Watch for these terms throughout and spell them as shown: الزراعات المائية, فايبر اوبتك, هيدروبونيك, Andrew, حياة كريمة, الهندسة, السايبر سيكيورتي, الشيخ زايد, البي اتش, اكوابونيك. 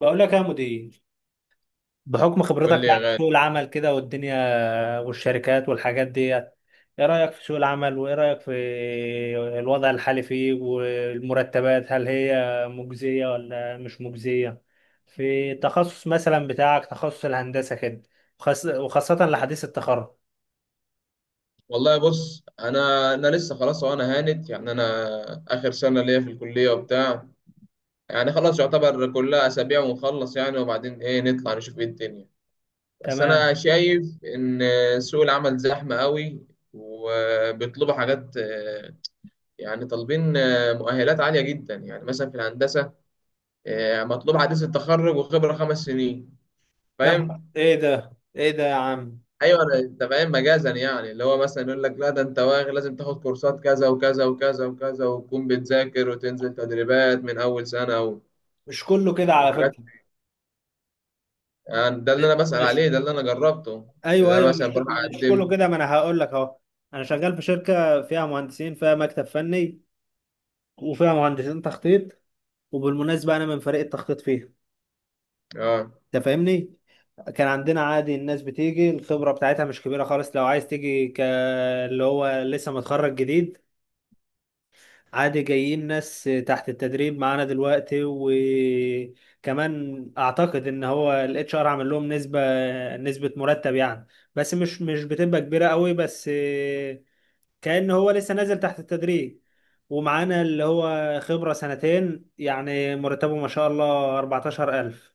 بقول لك يا مدير، بحكم قول خبرتك لي يا يعني في غالي. سوق العمل كده والدنيا والشركات والحاجات ديت، ايه رأيك في سوق العمل؟ وايه رأيك في الوضع الحالي فيه والمرتبات؟ هل هي مجزية ولا مش مجزية في التخصص مثلا بتاعك، تخصص الهندسة كده؟ وخاصة لحديث التخرج. والله بص، انا لسه خلاص وانا هانت يعني، انا اخر سنه ليا في الكليه وبتاع. يعني خلاص يعتبر كلها اسابيع ونخلص يعني. وبعدين ايه، نطلع نشوف ايه الدنيا. بس انا تمام. شايف ان سوق العمل زحمه قوي وبيطلبوا حاجات، يعني طالبين مؤهلات عاليه جدا يعني مثلا في الهندسه. مطلوب حديث التخرج وخبره 5 سنين. يا نهار فاهم؟ ايه ده، ايه ده يا عم! ايوه، انت فاهم مجازا، يعني اللي هو مثلا يقول لك لا ده انت واغل، لازم تاخد كورسات كذا وكذا وكذا وكذا وتكون بتذاكر وتنزل تدريبات من اول سنه مش كله كده على وحاجات. فكرة. يعني ده اللي انا بسأل مش، عليه، ده اللي انا جربته، ايوه اللي انا ايوه، مثلا مش بروح مش كله اقدم. كده. ما انا هقول لك اهو. انا شغال في شركه فيها مهندسين، فيها مكتب فني وفيها مهندسين تخطيط، وبالمناسبه انا من فريق التخطيط فيها. اه انت فاهمني. كان عندنا عادي الناس بتيجي الخبره بتاعتها مش كبيره خالص، لو عايز تيجي ك اللي هو لسه متخرج جديد، عادي. جايين ناس تحت التدريب معانا دلوقتي، وكمان اعتقد ان هو الاتش ار عامل لهم نسبه، نسبه مرتب يعني. بس مش بتبقى كبيره قوي، بس كأنه هو لسه نازل تحت التدريج. ومعانا اللي هو خبرة سنتين يعني مرتبه ما شاء الله 14,000.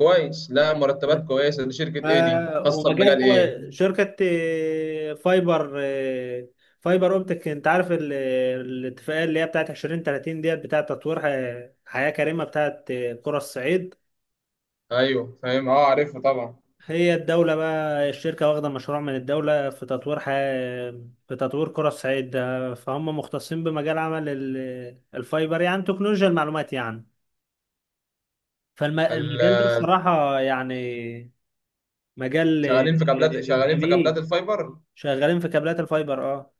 كويس. لا، مرتبات كويسه. دي ف... شركه ايه؟ دي خاصه ومجال بمجال ايه؟ شركة فايبر، فايبر اوبتك. انت عارف الاتفاقية اللي هي بتاعت 2030 ديت، بتاعت تطوير حياة كريمة، بتاعت قرى الصعيد. ايوه فاهم، اه عارفها طبعا. هي الدولة بقى، الشركة واخدة مشروع من الدولة في تطوير في تطوير قرى الصعيد ده، فهم مختصين بمجال عمل الفايبر، يعني تكنولوجيا المعلومات يعني. ال- فالمجال ده الصراحة يعني مجال شغالين في كابلات جميل. الفايبر. شغالين في كابلات الفايبر اه.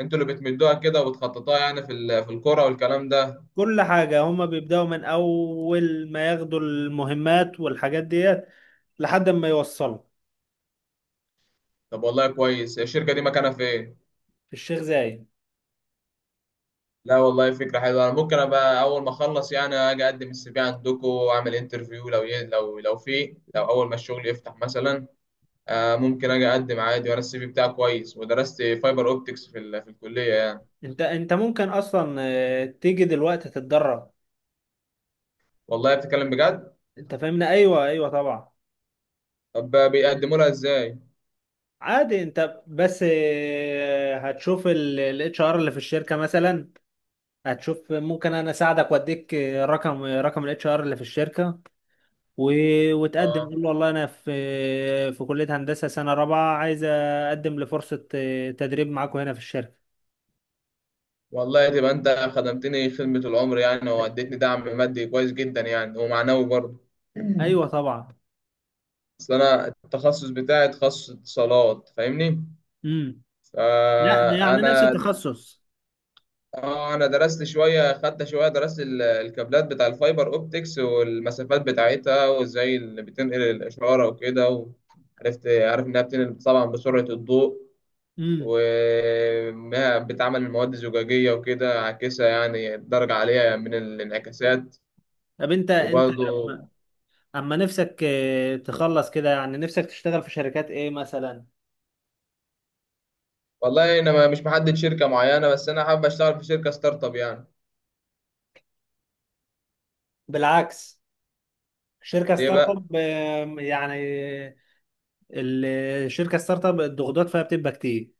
انتوا اللي بتمدوها كده وبتخططوها، يعني في في الكوره والكلام ده. كل حاجة هم بيبدأوا من أول ما ياخدوا المهمات والحاجات ديت لحد ما يوصلوا. طب والله كويس. الشركه دي مكانها فين؟ في الشيخ زايد. لا والله، فكرة حلوة. أنا ممكن أبقى أول ما أخلص يعني أجي أقدم السي في عندكم وأعمل انترفيو، لو لو في، لو أول ما الشغل يفتح مثلا. آه، ممكن أجي أقدم عادي وأنا السي في بتاعي كويس ودرست فايبر أوبتكس في في الكلية يعني. انت ممكن اصلا تيجي دلوقتي تتدرب. والله بتتكلم بجد؟ انت فاهمنا. ايوه ايوه طبعا. طب بيقدموا لها إزاي؟ عادي، انت بس هتشوف الاتش ار اللي في الشركه مثلا. هتشوف، ممكن انا اساعدك واديك رقم الاتش ار اللي في الشركه. و... وتقدم، قول له آه. والله انا في في كليه هندسه سنه رابعه، عايز اقدم لفرصه تدريب معاكم هنا في الشركه. والله تبقى أنت خدمتني خدمة العمر يعني، أي- وأديتني دعم مادي كويس جدا يعني ومعنوي برضه. ايوه طبعا. أصل أنا التخصص بتاعي تخصص اتصالات، فاهمني؟ امم. لا ده يعني نفس فأنا التخصص. اه، انا درست شويه، خدت شويه، درست الكابلات بتاع الفايبر اوبتكس والمسافات بتاعتها، وازاي اللي بتنقل الاشاره وكده. عارف انها بتنقل طبعا بسرعه الضوء، امم. وانها بتعمل من مواد زجاجيه وكده عاكسه يعني درجه عاليه من الانعكاسات. طب انت، وبرضه لما- اما نفسك تخلص كده، يعني نفسك تشتغل في شركات ايه مثلا؟ والله انا مش محدد شركه معينه، بس انا حابب اشتغل في شركه ستارت اب يعني. بالعكس، شركه ليه ستارت بقى؟ اب يعني، ال- الشركه ستارت اب الضغوطات فيها بتبقى كتير.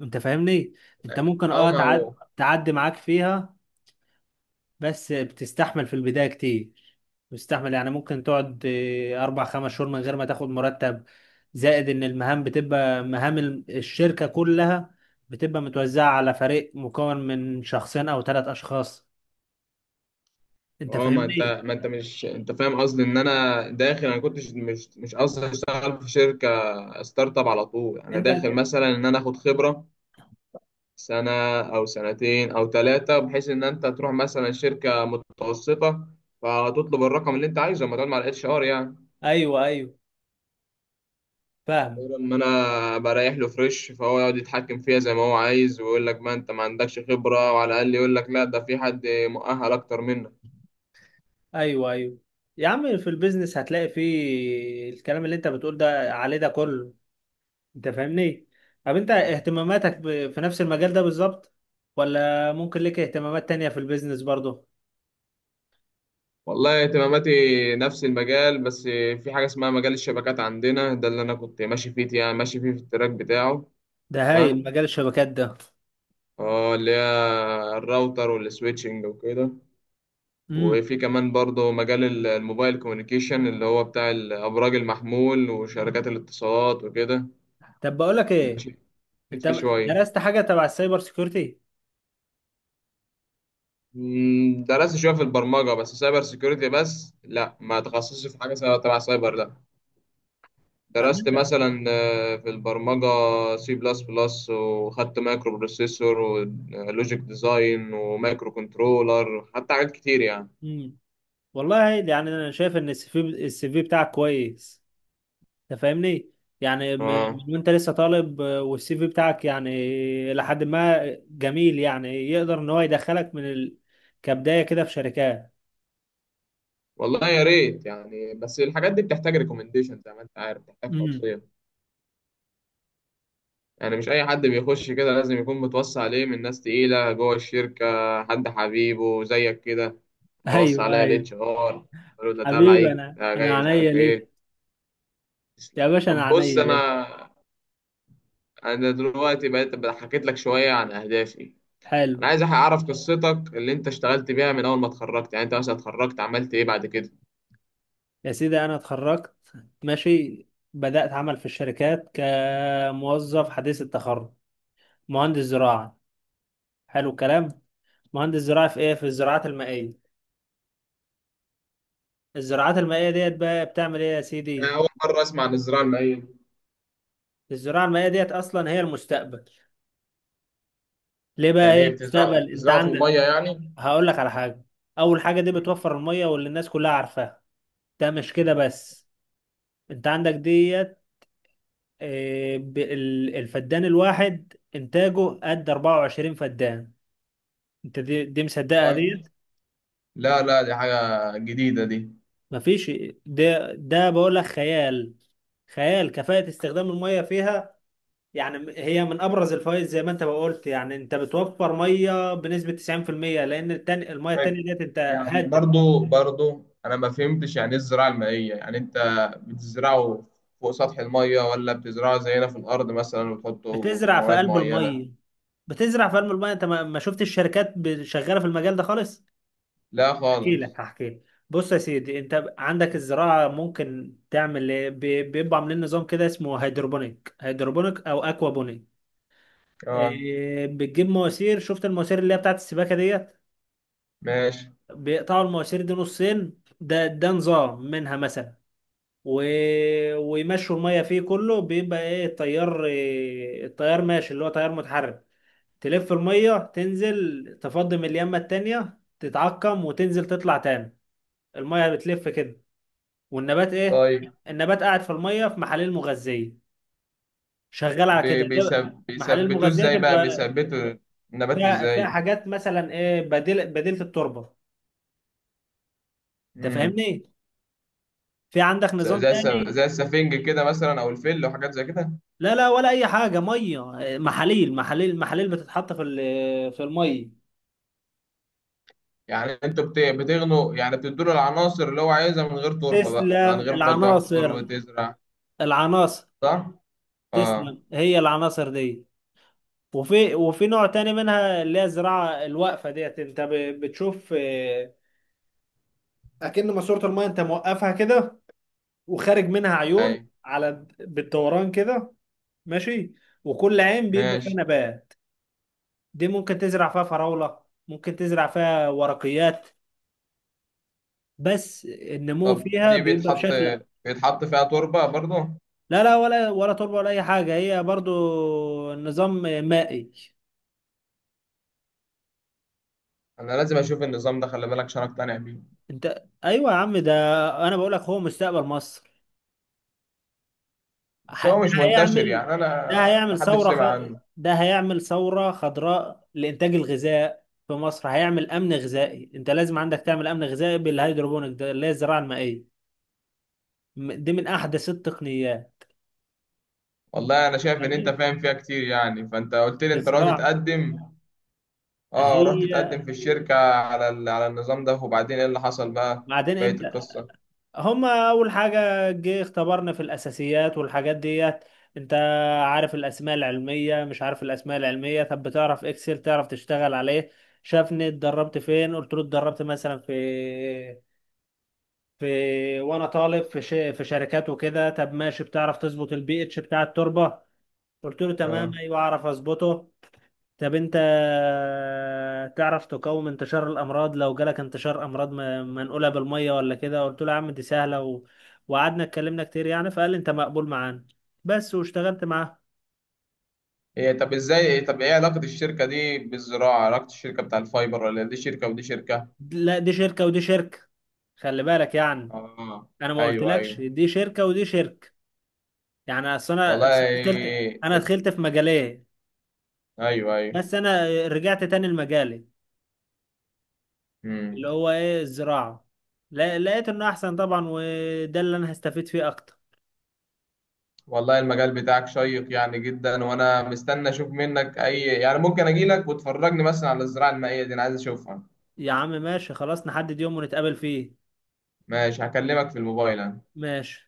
انت فاهمني. انت ممكن اه اه ما هو. تعدي معاك فيها، بس بتستحمل في البدايه كتير. بتستحمل يعني ممكن تقعد اربع خمس شهور من غير ما تاخد مرتب. زائد ان المهام بتبقى مهام الشركه كلها، بتبقى متوزعه على فريق مكون من شخصين او ثلاث اشخاص. انت اه، ما فاهمني. انت ما انت مش، انت فاهم قصدي، ان انا داخل، انا كنتش، مش قصدي اشتغل في شركه ستارت اب على طول يعني. انا انت داخل مثلا ان انا اخد خبره سنه او سنتين او ثلاثه، بحيث ان انت تروح مثلا شركه متوسطه فتطلب الرقم اللي انت عايزه لما تقعد مع الاتش ار يعني. ايوه ايوه فاهم. غير ان انا بريح له فريش، فهو يقعد يتحكم فيها زي ما هو عايز ويقول لك ما انت ما عندكش خبره، وعلى الاقل يقول لك لا ده في حد مؤهل اكتر منك. ايوه ايوه. يا عم في البيزنس هتلاقي فيه الكلام اللي انت بتقول ده عليه ده كله. انت فاهمني. طب انت اهتماماتك في نفس المجال ده بالظبط، ولا ممكن ليك اهتمامات تانية في البيزنس برضه؟ والله اهتماماتي نفس المجال بس. في حاجة اسمها مجال الشبكات عندنا، ده اللي أنا كنت ماشي فيه يعني، ماشي فيه في التراك بتاعه. ده هايل تمام. مجال الشبكات ده. اه، اللي هي الراوتر والسويتشنج وكده. امم. وفي كمان برضه مجال الموبايل كوميونيكيشن، اللي هو بتاع الأبراج المحمول وشركات الاتصالات وكده. طب بقول لك ايه، ماشي، مشيت انت فيه شوية. درست حاجة تبع السايبر سيكيورتي؟ درست شوية في البرمجة. بس سايبر سيكيورتي، بس لا، ما تخصصش في حاجة تبع سايبر، لا. أما درست انت. مثلا في البرمجة سي بلس بلس، وخدت مايكرو بروسيسور ولوجيك ديزاين ومايكرو كنترولر، حتى حاجات كتير يعني. امم. والله يعني انا شايف ان السي في بتاعك كويس. انت فاهمني. يعني من، اه، من وانت لسه طالب والسي في بتاعك، يعني لحد ما، جميل يعني. يقدر ان هو يدخلك من كبداية كده في شركات. والله يا ريت يعني، بس الحاجات دي بتحتاج ريكومنديشن زي ما انت عارف، بتحتاج امم. توصية. يعني مش اي حد بيخش كده، لازم يكون متوصي عليه من ناس تقيلة جوه الشركة. حد حبيبه زيك كده هيوصي ايوه عليا ايوه. الاتش ار، قالوا ده حبيبي، تبعي، انا ده انا جاي مش عينيا عارف ليك. ايه. يا تسلم. باشا طب انا بص، عينيا ليك. انا دلوقتي بقيت بقى حكيت لك شويه عن اهدافي. حلو. انا عايز اعرف قصتك اللي انت اشتغلت بيها من اول ما اتخرجت يعني. انت مثلا اتخرجت عملت ايه بعد كده؟ يا سيدي انا اتخرجت، ماشي، بدأت عمل في الشركات كموظف حديث التخرج، مهندس زراعة. حلو الكلام. مهندس زراعة في ايه؟ في الزراعات المائية. الزراعات المائية ديت بقى بتعمل ايه يا انا سيدي؟ اول مره اسمع عن الزراعه المائيه. الزراعة المائية ديت أصلا هي المستقبل. ليه بقى يعني هي ايه، المستقبل؟ أنت بتزرعوا في عندك، الميه يعني؟ هقول لك على حاجة. أول حاجة دي بتوفر المية، واللي الناس كلها عارفاها. ده مش كده بس، أنت عندك ديت الفدان الواحد إنتاجه قد 24 فدان. أنت دي مصدقها طيب. ديت؟ لا لا، دي حاجه جديده دي. مفيش. ده بقول لك خيال، خيال كفاءة استخدام المية فيها. يعني هي من ابرز الفوائد، زي ما انت ما قلت، يعني انت بتوفر ميه بنسبه 90%، لان التاني الميه طيب. التانيه ديت انت يعني، هدر. برضو برضو انا ما فهمتش يعني ايه الزراعه المائيه. يعني انت بتزرعه فوق سطح الميه، ولا بتزرعه زينا في الارض مثلا وتحطوا بتزرع في كيماويات قلب معينه؟ الميه، بتزرع في قلب الميه. انت ما شفتش الشركات شغاله في المجال ده خالص؟ لا احكي خالص. لك، هحكي لك. بص يا سيدي، انت عندك الزراعه ممكن تعمل ايه؟ بيبقوا عاملين نظام كده اسمه هيدروبونيك، هيدروبونيك او اكوابونيك. اه إيه، بتجيب مواسير. شفت المواسير اللي هي بتاعت السباكه ديت؟ ماشي. بيقطعوا المواسير دي نصين. ده نظام منها مثلا. و... ويمشوا الميه فيه، كله بيبقى ايه، التيار، إيه التيار ماشي، اللي هو تيار متحرك. تلف المية، تنزل تفضي من اليمة التانية، تتعقم وتنزل تطلع تاني. المية بتلف كده. والنبات ايه؟ طيب، النبات قاعد في المية في محاليل مغذية، شغال على كده ده. محاليل بيثبتوه مغذية ازاي بقى؟ تبقى بيثبتوا النبات فيها، فيها ازاي؟ حاجات مثلا ايه، بديل، بديلة التربة. انت امم فاهمني. في عندك نظام زي زي تاني. السفنج كده مثلا، او الفل وحاجات زي كده. لا لا، ولا اي حاجة. مية، محاليل محاليل محاليل بتتحط في في المية. يعني انتوا بتغنوا يعني، بتدوا له العناصر اللي هو عايزها من غير تربه بقى، من تسلم، غير ما تحفر العناصر، وتزرع. العناصر، صح. اه. تسلم، هي العناصر دي. وفي، وفي نوع تاني منها، اللي هي الزراعة الواقفة ديت، انت بتشوف اكن ماسورة المايه انت موقفها كده، وخارج منها عيون اي على بالدوران كده، ماشي. وكل عين بيبقى فيها ماشي. نبات. دي ممكن تزرع فيها فراولة، ممكن تزرع فيها ورقيات، بس النمو طب فيها دي بيبقى بشكل. بيتحط فيها تربه برضو؟ لا لا، ولا ولا تربة ولا اي حاجة، هي برضو نظام مائي. انا لازم اشوف النظام ده، خلي بالك، عشان اقتنع بيه. انت ايوه يا عم، ده انا بقول لك هو مستقبل مصر. بس ه- هو ده مش منتشر هيعمل، يعني، انا هيعمل محدش سمع عنه. ده هيعمل ثورة خضراء لإنتاج الغذاء في مصر، هيعمل أمن غذائي. أنت لازم عندك تعمل أمن غذائي بالهيدروبونيك ده، اللي هي الزراعة المائية. دي من أحدث التقنيات. والله انا شايف ان انت يعني فاهم فيها كتير يعني. فانت قلت لي انت رحت الزراعة، تقدم. اه، رحت هي اتقدم في الشركة على على النظام ده، وبعدين ايه اللي حصل بقى؟ بعدين بقية أنت، القصة. هما اول حاجه جه اختبرنا في الاساسيات والحاجات ديت. انت عارف الاسماء العلميه، مش عارف الاسماء العلميه؟ طب بتعرف اكسل، تعرف تشتغل عليه؟ شافني اتدربت فين، قلت له اتدربت مثلا في، في، وانا طالب في في شركات وكده. طب ماشي، بتعرف تظبط البي اتش بتاع التربه؟ قلت له تمام، اه. ايوه اعرف اظبطه. طب انت تعرف تقاوم انتشار الامراض، لو جالك انتشار امراض منقوله بالميه ولا كده؟ قلت له يا عم دي سهله. و... وقعدنا اتكلمنا كتير يعني، فقال لي انت مقبول معانا، بس. واشتغلت معاه. هي طب ازاي؟ طب ايه علاقة الشركة دي بالزراعة؟ علاقة الشركة بتاع الفايبر، ولا دي شركة ودي شركة؟ لا، دي شركه ودي شركه، خلي بالك يعني. اه. انا ما ايوه قلتلكش ايوه. دي شركه ودي شركه. يعني اصل انا، اصل أنا والله دخلت، انا ات- دخلت في مجالين، ايوه ايوه. بس انا رجعت تاني لمجالي، اللي امم. هو ايه الزراعه. لقيت انه احسن طبعا، وده اللي انا هستفيد فيه اكتر. والله المجال بتاعك شيق يعني جدا، وانا مستني اشوف منك، اي يعني ممكن اجي لك وتفرجني مثلا على الزراعة المائية دي، انا عايز اشوفها. يا عم ماشي خلاص، نحدد يوم ونتقابل فيه. ماشي، هكلمك في الموبايل أنا. ماشي.